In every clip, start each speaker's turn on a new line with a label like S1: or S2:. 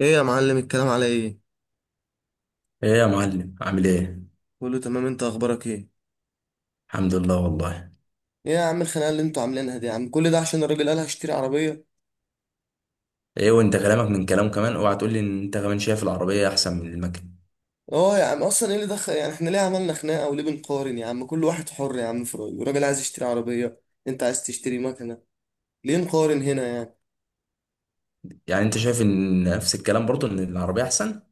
S1: ايه يا معلم، الكلام على ايه؟
S2: ايه يا معلم، عامل ايه؟
S1: كله تمام. انت اخبارك ايه؟
S2: الحمد لله والله.
S1: ايه يا عم الخناقه اللي انتوا عاملينها دي يا عم؟ كل ده عشان الراجل قال هشتري عربيه؟
S2: ايه، وانت كلامك من كلام كمان؟ اوعى تقول لي ان انت كمان شايف العربيه احسن من المكن.
S1: اه يا عم، اصلا ايه اللي دخل يعني؟ احنا ليه عملنا خناقه وليه بنقارن يا عم؟ كل واحد حر يا عم في رايه. الراجل عايز يشتري عربيه، انت عايز تشتري مكنه، ليه نقارن هنا يعني؟
S2: يعني انت شايف ان نفس الكلام، برضو ان العربيه احسن؟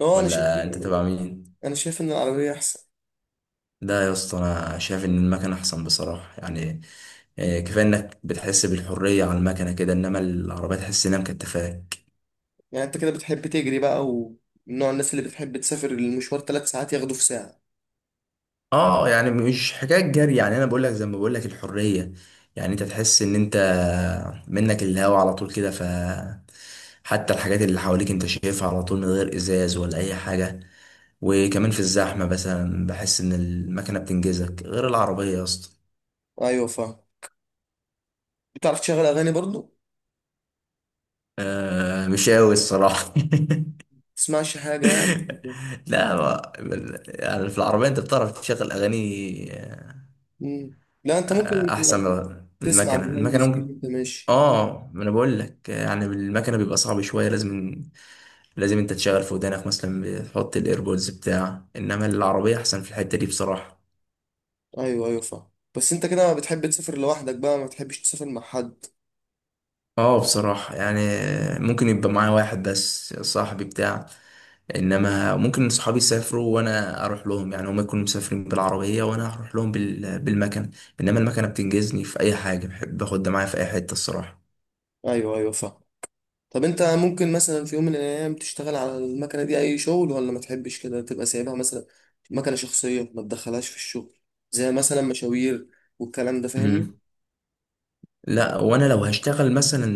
S1: اه انا شايف.
S2: ولا انت تبع مين؟
S1: انا شايف ان العربيه احسن.
S2: لا يا اسطى، انا شايف ان المكن احسن بصراحه يعني. إيه، كفايه انك بتحس بالحريه على المكنه كده، انما العربيه تحس انها مكتفاك.
S1: يعني انت كده بتحب تجري بقى، ومن نوع الناس اللي بتحب تسافر المشوار ثلاث ساعات ياخده في ساعه؟
S2: اه يعني مش حكايه جري، يعني انا بقول لك زي ما بقول لك الحريه. يعني انت تحس ان انت منك الهوا على طول كده، ف حتى الحاجات اللي حواليك انت شايفها على طول من غير ازاز ولا اي حاجه. وكمان في الزحمه مثلا بحس ان المكنه بتنجزك غير العربيه يا اسطى.
S1: ايوه فاهم. بتعرف تشغل اغاني برضو؟
S2: آه مش قوي الصراحه.
S1: تسمعش حاجه يعني؟
S2: لا، يعني في العربيه انت بتعرف تشغل اغاني؟
S1: مم. لا انت ممكن
S2: احسن من
S1: تسمع
S2: المكنه
S1: بالهندي
S2: المكنه
S1: فيه
S2: ممكن.
S1: وانت ماشي.
S2: اه، ما انا بقول لك يعني بالمكنه بيبقى صعب شويه، لازم لازم انت تشغل في ودانك مثلا، بتحط الايربودز بتاع، انما العربيه احسن في الحته دي بصراحه.
S1: ايوه ايوه فاهم. بس انت كده بتحب تسافر لوحدك بقى؟ ما بتحبش تسافر مع حد؟
S2: اه بصراحه يعني ممكن يبقى معايا واحد بس صاحبي بتاع، انما ممكن صحابي يسافروا وانا اروح لهم، يعني هم يكونوا مسافرين بالعربيه وانا هروح لهم بالمكنه. انما المكنه بتنجزني في اي حاجه بحب اخدها معايا في اي حته الصراحه.
S1: ايوه ايوه فاهم. طب انت ممكن مثلا في يوم من الايام تشتغل على المكنه دي اي شغل، ولا ما تحبش كده تبقى سايبها مثلا مكنه شخصيه ما تدخلهاش في الشغل، زي مثلا مشاوير والكلام ده، فاهمني؟
S2: امم. لا، وانا لو هشتغل مثلا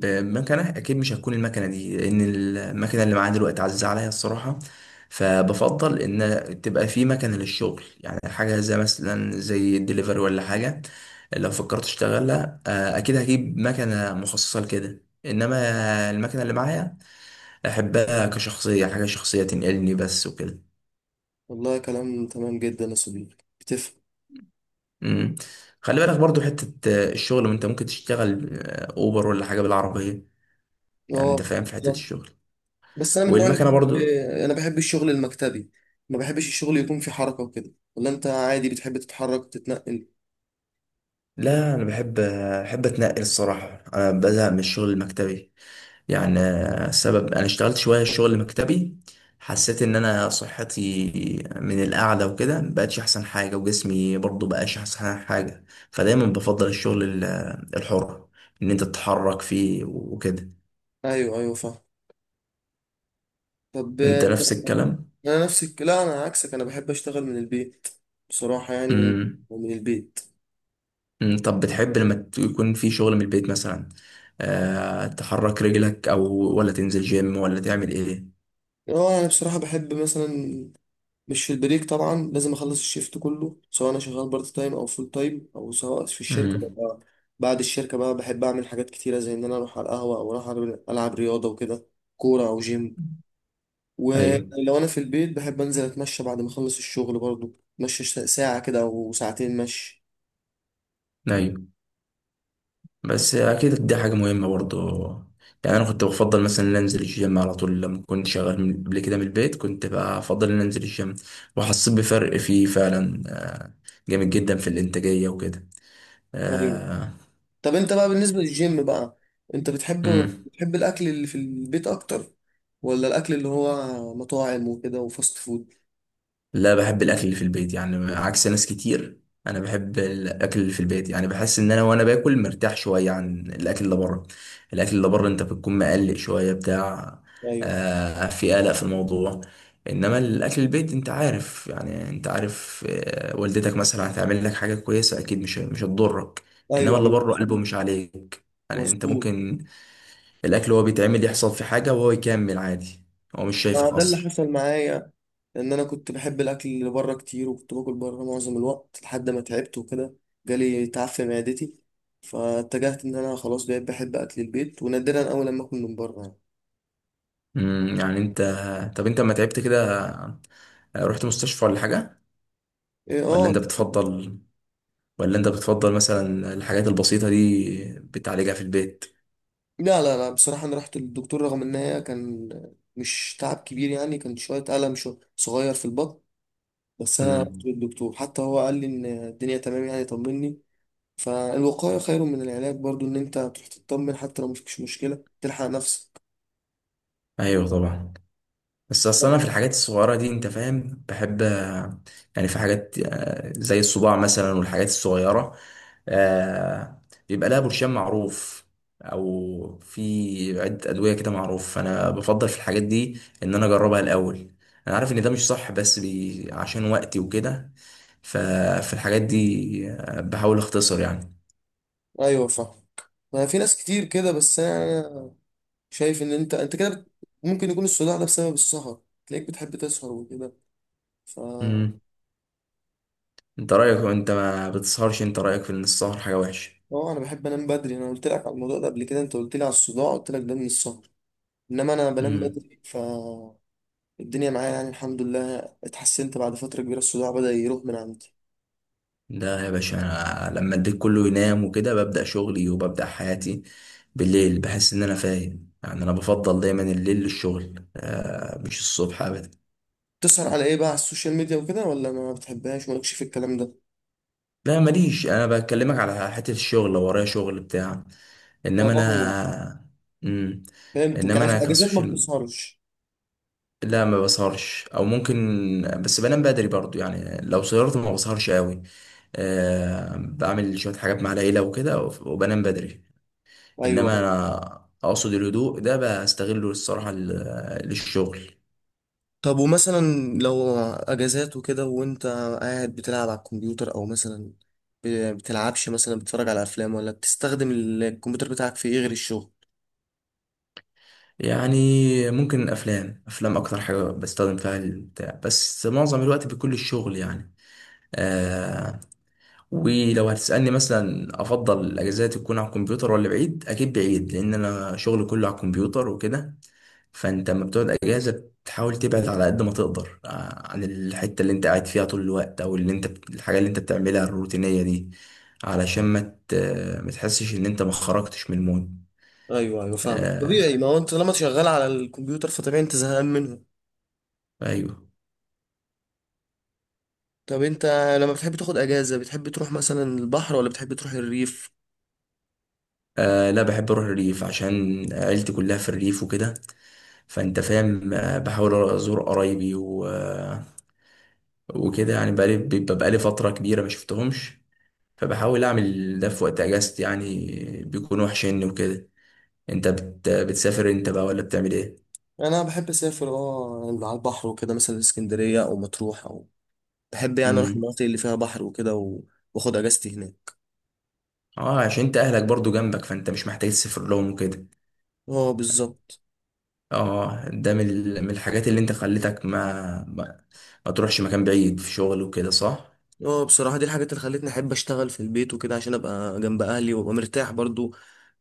S2: بمكنه اكيد مش هتكون المكنه دي، لان المكنه اللي معايا دلوقتي عزيزه عليا الصراحه. فبفضل ان تبقى في مكنه للشغل، يعني حاجه زي مثلا زي الدليفري ولا حاجه. لو فكرت اشتغلها اكيد هجيب مكنه مخصصه لكده، انما المكنه اللي معايا احبها كشخصيه، حاجه شخصيه تنقلني بس وكده.
S1: والله كلام تمام جدا يا صديقي، بتفهم.
S2: مم. خلي بالك برضو حته الشغل، ما انت ممكن تشتغل اوبر ولا حاجه بالعربيه، يعني انت
S1: اه
S2: فاهم في حته
S1: بالظبط.
S2: الشغل،
S1: بس انا من النوع اللي
S2: والمكنه
S1: بحب،
S2: برضو.
S1: انا بحب الشغل المكتبي. ما بحبش الشغل يكون فيه حركه وكده. ولا انت عادي بتحب تتحرك وتتنقل؟
S2: لا انا بحب اتنقل الصراحه، انا بزهق من الشغل المكتبي. يعني السبب انا اشتغلت شويه شغل مكتبي، حسيت ان انا صحتي من القعده وكده مبقتش احسن حاجه، وجسمي برضو مبقاش احسن حاجه. فدايما بفضل الشغل الحر، ان انت تتحرك فيه وكده.
S1: ايوه ايوه فاهم. طب
S2: انت
S1: انت،
S2: نفس الكلام؟
S1: انا نفسك؟ لا انا عكسك، انا بحب اشتغل من البيت. بصراحة يعني من
S2: امم.
S1: من البيت.
S2: طب بتحب لما يكون في شغل من البيت مثلا؟ تحرك رجلك، او ولا تنزل جيم، ولا تعمل ايه؟
S1: اه انا بصراحة بحب مثلا، مش في البريك طبعا، لازم اخلص الشيفت كله، سواء انا شغال بارت تايم او فول تايم، او سواء في الشركة
S2: امم.
S1: ببقى. بعد الشركة بقى بحب اعمل حاجات كتيرة، زي ان انا اروح على القهوة، او اروح ألعب رياضة وكده، كورة او جيم.
S2: ايوه،
S1: ولو انا في البيت بحب انزل اتمشى بعد ما اخلص الشغل، برضو اتمشى ساعة كده او ساعتين مشي.
S2: ايوه، بس اكيد دي حاجه مهمه برضو. يعني انا كنت بفضل مثلا ان انزل الجيم على طول، لما كنت شغال قبل كده من البيت كنت بقى افضل ان انزل الجيم. وحسيت بفرق فيه فعلا، جامد جدا في الانتاجيه وكده.
S1: أيوة. طب انت بقى بالنسبة للجيم بقى، انت بتحب
S2: امم.
S1: بتحب الاكل اللي في البيت اكتر، ولا الاكل اللي هو مطاعم وكده وفاست فود؟
S2: لا بحب الاكل اللي في البيت، يعني عكس ناس كتير. انا بحب الاكل اللي في البيت، يعني بحس ان انا وانا باكل مرتاح شويه عن الاكل اللي بره. الاكل اللي بره انت بتكون مقلق شويه بتاع.
S1: ايوه
S2: آه في قلق في الموضوع. انما الاكل البيت انت عارف، يعني انت عارف آه والدتك مثلا هتعمل لك حاجه كويسه، اكيد مش هتضرك. انما
S1: ايوه
S2: اللي
S1: ايوه،
S2: بره قلبه
S1: مظبوط
S2: مش عليك. يعني انت
S1: مظبوط.
S2: ممكن الاكل هو بيتعمل يحصل في حاجه وهو يكمل عادي، هو مش
S1: ما
S2: شايفك
S1: ده اللي
S2: اصلا.
S1: حصل معايا، ان انا كنت بحب الاكل اللي بره كتير، وكنت باكل بره معظم الوقت لحد ما تعبت وكده. جالي تعب في معدتي، فاتجهت ان انا خلاص بقيت بحب اكل البيت، ونادرا اول لما اكل من بره يعني.
S2: يعني انت، طب انت لما تعبت كده رحت مستشفى ولا حاجة؟
S1: إيه،
S2: ولا
S1: اه.
S2: انت بتفضل ولا انت بتفضل مثلا الحاجات البسيطة دي بتعالجها في البيت؟
S1: لا لا لا، بصراحة أنا رحت للدكتور، رغم إن هي كان مش تعب كبير يعني، كان شوية ألم شو صغير في البطن. بس أنا رحت
S2: امم.
S1: للدكتور، حتى هو قال لي إن الدنيا تمام يعني، طمني. فالوقاية خير من العلاج برضو، إن أنت تروح تطمن حتى لو مفيش مشكلة، تلحق نفسك.
S2: ايوه طبعا. بس اصل انا في الحاجات الصغيره دي انت فاهم بحب، يعني في حاجات زي الصباع مثلا والحاجات الصغيره، آه، بيبقى لها برشام معروف، او في عده ادويه كده معروف. فانا بفضل في الحاجات دي ان انا اجربها الاول. انا عارف ان ده مش صح، بس بي عشان وقتي وكده. ففي الحاجات دي بحاول اختصر يعني.
S1: أيوة فاهم. ما في ناس كتير كده. بس أنا شايف إن أنت كده ممكن يكون الصداع ده بسبب السهر. تلاقيك بتحب تسهر وكده ف
S2: امم. انت رايك، انت ما بتسهرش؟ انت رايك في ان السهر حاجه وحشه؟
S1: اه انا بحب انام بدري. انا قلت لك على الموضوع ده قبل كده، انت قلت لي على الصداع، قلت لك ده من السهر. انما انا بنام
S2: امم
S1: بدري، فالدنيا معايا يعني الحمد لله. اتحسنت، بعد فترة كبيرة الصداع بدأ يروح من عندي.
S2: ده يا باشا، انا لما الديك كله ينام وكده ببدأ شغلي وببدأ حياتي. بالليل بحس ان انا فايق، يعني انا بفضل دايما الليل للشغل، مش الصبح ابدا.
S1: بتسهر على ايه بقى؟ على السوشيال ميديا وكده، ولا ما بتحبهاش، مالكش في الكلام ده؟
S2: لا ماليش، انا بكلمك على حتة الشغل لو ورايا شغل بتاع، انما
S1: اه
S2: انا. مم.
S1: فهمتك.
S2: انما
S1: يعني في
S2: انا
S1: الاجازات ما
S2: كسوشيال،
S1: بتسهرش؟
S2: لا ما بسهرش او ممكن، بس بنام بدري برضو يعني، لو سهرت ما بسهرش قوي. بعمل شوية حاجات مع العيلة وكده وبنام بدري.
S1: ايوه
S2: انما
S1: أيوة.
S2: انا اقصد الهدوء ده بستغله الصراحه للشغل.
S1: طب ومثلا لو اجازات وكده، وانت قاعد بتلعب على الكمبيوتر، او مثلا بتلعبش مثلا بتتفرج على افلام؟ ولا بتستخدم الكمبيوتر بتاعك في ايه غير الشغل؟
S2: يعني ممكن افلام اكتر حاجه بستخدم فيها البتاع، بس معظم الوقت بيكون للشغل يعني. آه ولو هتسالني مثلا افضل الاجازات تكون على الكمبيوتر ولا بعيد، اكيد بعيد، لان انا شغلي كله على الكمبيوتر وكده. فانت لما بتقعد اجازه بتحاول تبعد على قد ما تقدر عن الحته اللي انت قاعد فيها طول الوقت، او اللي انت الحاجه اللي انت بتعملها الروتينيه دي، علشان ما ما تحسش ان انت ما خرجتش من المود.
S1: ايوه ايوه فاهمك،
S2: آه
S1: طبيعي. ما هو انت لما شغال على الكمبيوتر، فطبيعي انت زهقان منه.
S2: ايوه.
S1: طب انت لما بتحب تاخد اجازة، بتحب تروح مثلا البحر ولا بتحب تروح الريف؟
S2: آه لا، بحب اروح الريف عشان عيلتي كلها في الريف وكده. فانت فاهم، بحاول ازور قرايبي وكده يعني، بقالي فتره كبيره ما شفتهمش، فبحاول اعمل ده في وقت اجازتي يعني، بيكون وحشني وكده. انت بتسافر انت بقى ولا بتعمل ايه؟
S1: انا بحب اسافر على البحر وكده، مثلا اسكندرية او مطروح، او بحب يعني اروح
S2: امم.
S1: المناطق اللي فيها بحر وكده. واخد اجازتي هناك.
S2: اه عشان انت اهلك برضو جنبك، فانت مش محتاج تسافر لهم وكده.
S1: اه بالظبط.
S2: اه ده من من الحاجات اللي انت خلتك ما, ما تروحش مكان بعيد في شغل وكده صح؟
S1: اه بصراحة دي الحاجات اللي خلتني احب اشتغل في البيت وكده، عشان ابقى جنب اهلي وابقى مرتاح برضو.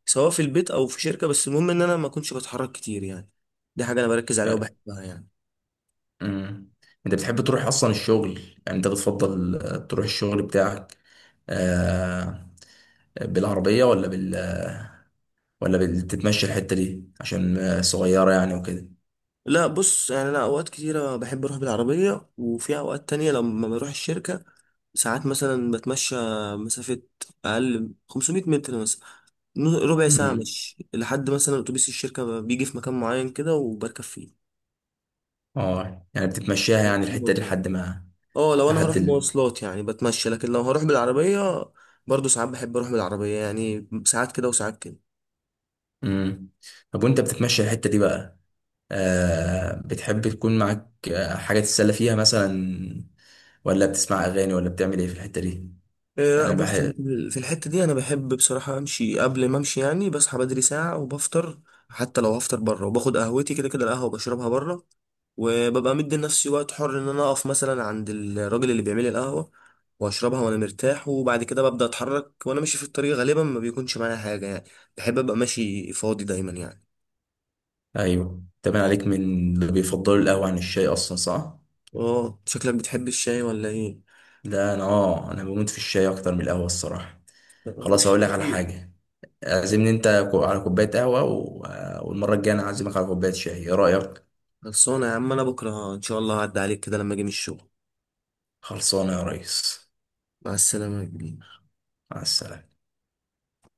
S1: سواء في البيت او في شركة، بس المهم ان انا ما اكونش بتحرك كتير يعني. دي حاجة انا بركز عليها
S2: آه،
S1: وبحبها يعني.
S2: امم. انت بتحب تروح اصلا الشغل؟ يعني انت بتفضل تروح الشغل بتاعك آه بالعربية ولا ولا بتتمشى الحتة دي عشان صغيرة يعني وكده؟
S1: لا بص يعني، انا اوقات كتيره بحب اروح بالعربيه، وفي اوقات تانية لما بروح الشركه، ساعات مثلا بتمشى مسافه اقل من 500 متر مثلا، ربع ساعه
S2: امم.
S1: مشي، لحد مثلا اتوبيس الشركه بيجي في مكان معين كده وبركب فيه،
S2: اه يعني بتتمشاها يعني الحتة دي
S1: مواصلات يعني.
S2: لحد ما،
S1: اه لو انا هروح
S2: لحد ال...
S1: مواصلات يعني بتمشى، لكن لو هروح بالعربيه، برضو ساعات بحب اروح بالعربيه يعني، ساعات كده وساعات كده.
S2: امم. طب وانت بتتمشى الحتة دي بقى، بتحب تكون معاك حاجة تتسلى فيها مثلا؟ ولا بتسمع أغاني ولا بتعمل ايه في الحتة دي؟
S1: لا
S2: يعني انا
S1: بص، أنا
S2: بحب.
S1: في الحتة دي أنا بحب بصراحة أمشي. قبل ما أمشي يعني بصحى بدري ساعة وبفطر، حتى لو هفطر بره، وباخد قهوتي كده كده، القهوة بشربها بره، وببقى مدي لنفسي وقت حر، إن أنا أقف مثلا عند الراجل اللي بيعمل لي القهوة، وأشربها وأنا مرتاح. وبعد كده ببدأ أتحرك، وأنا ماشي في الطريق غالبا ما بيكونش معايا حاجة يعني، بحب أبقى ماشي فاضي دايما يعني.
S2: ايوه، تبان عليك من اللي بيفضلوا القهوة عن الشاي اصلا، صح؟
S1: أه شكلك بتحب الشاي ولا إيه؟
S2: لا انا بموت في الشاي اكتر من القهوة الصراحة.
S1: لا، هو
S2: خلاص، هقول لك على
S1: الشاي.
S2: حاجة، اعزمني انت على كوباية قهوة، والمرة الجاية انا هعزمك على كوباية شاي، ايه رأيك؟
S1: خلصانة يا عم، أنا بكرة إن شاء الله هعدي عليك كده لما أجي من الشغل.
S2: خلصانة يا ريس.
S1: مع السلامة يا كبير.
S2: مع السلامة.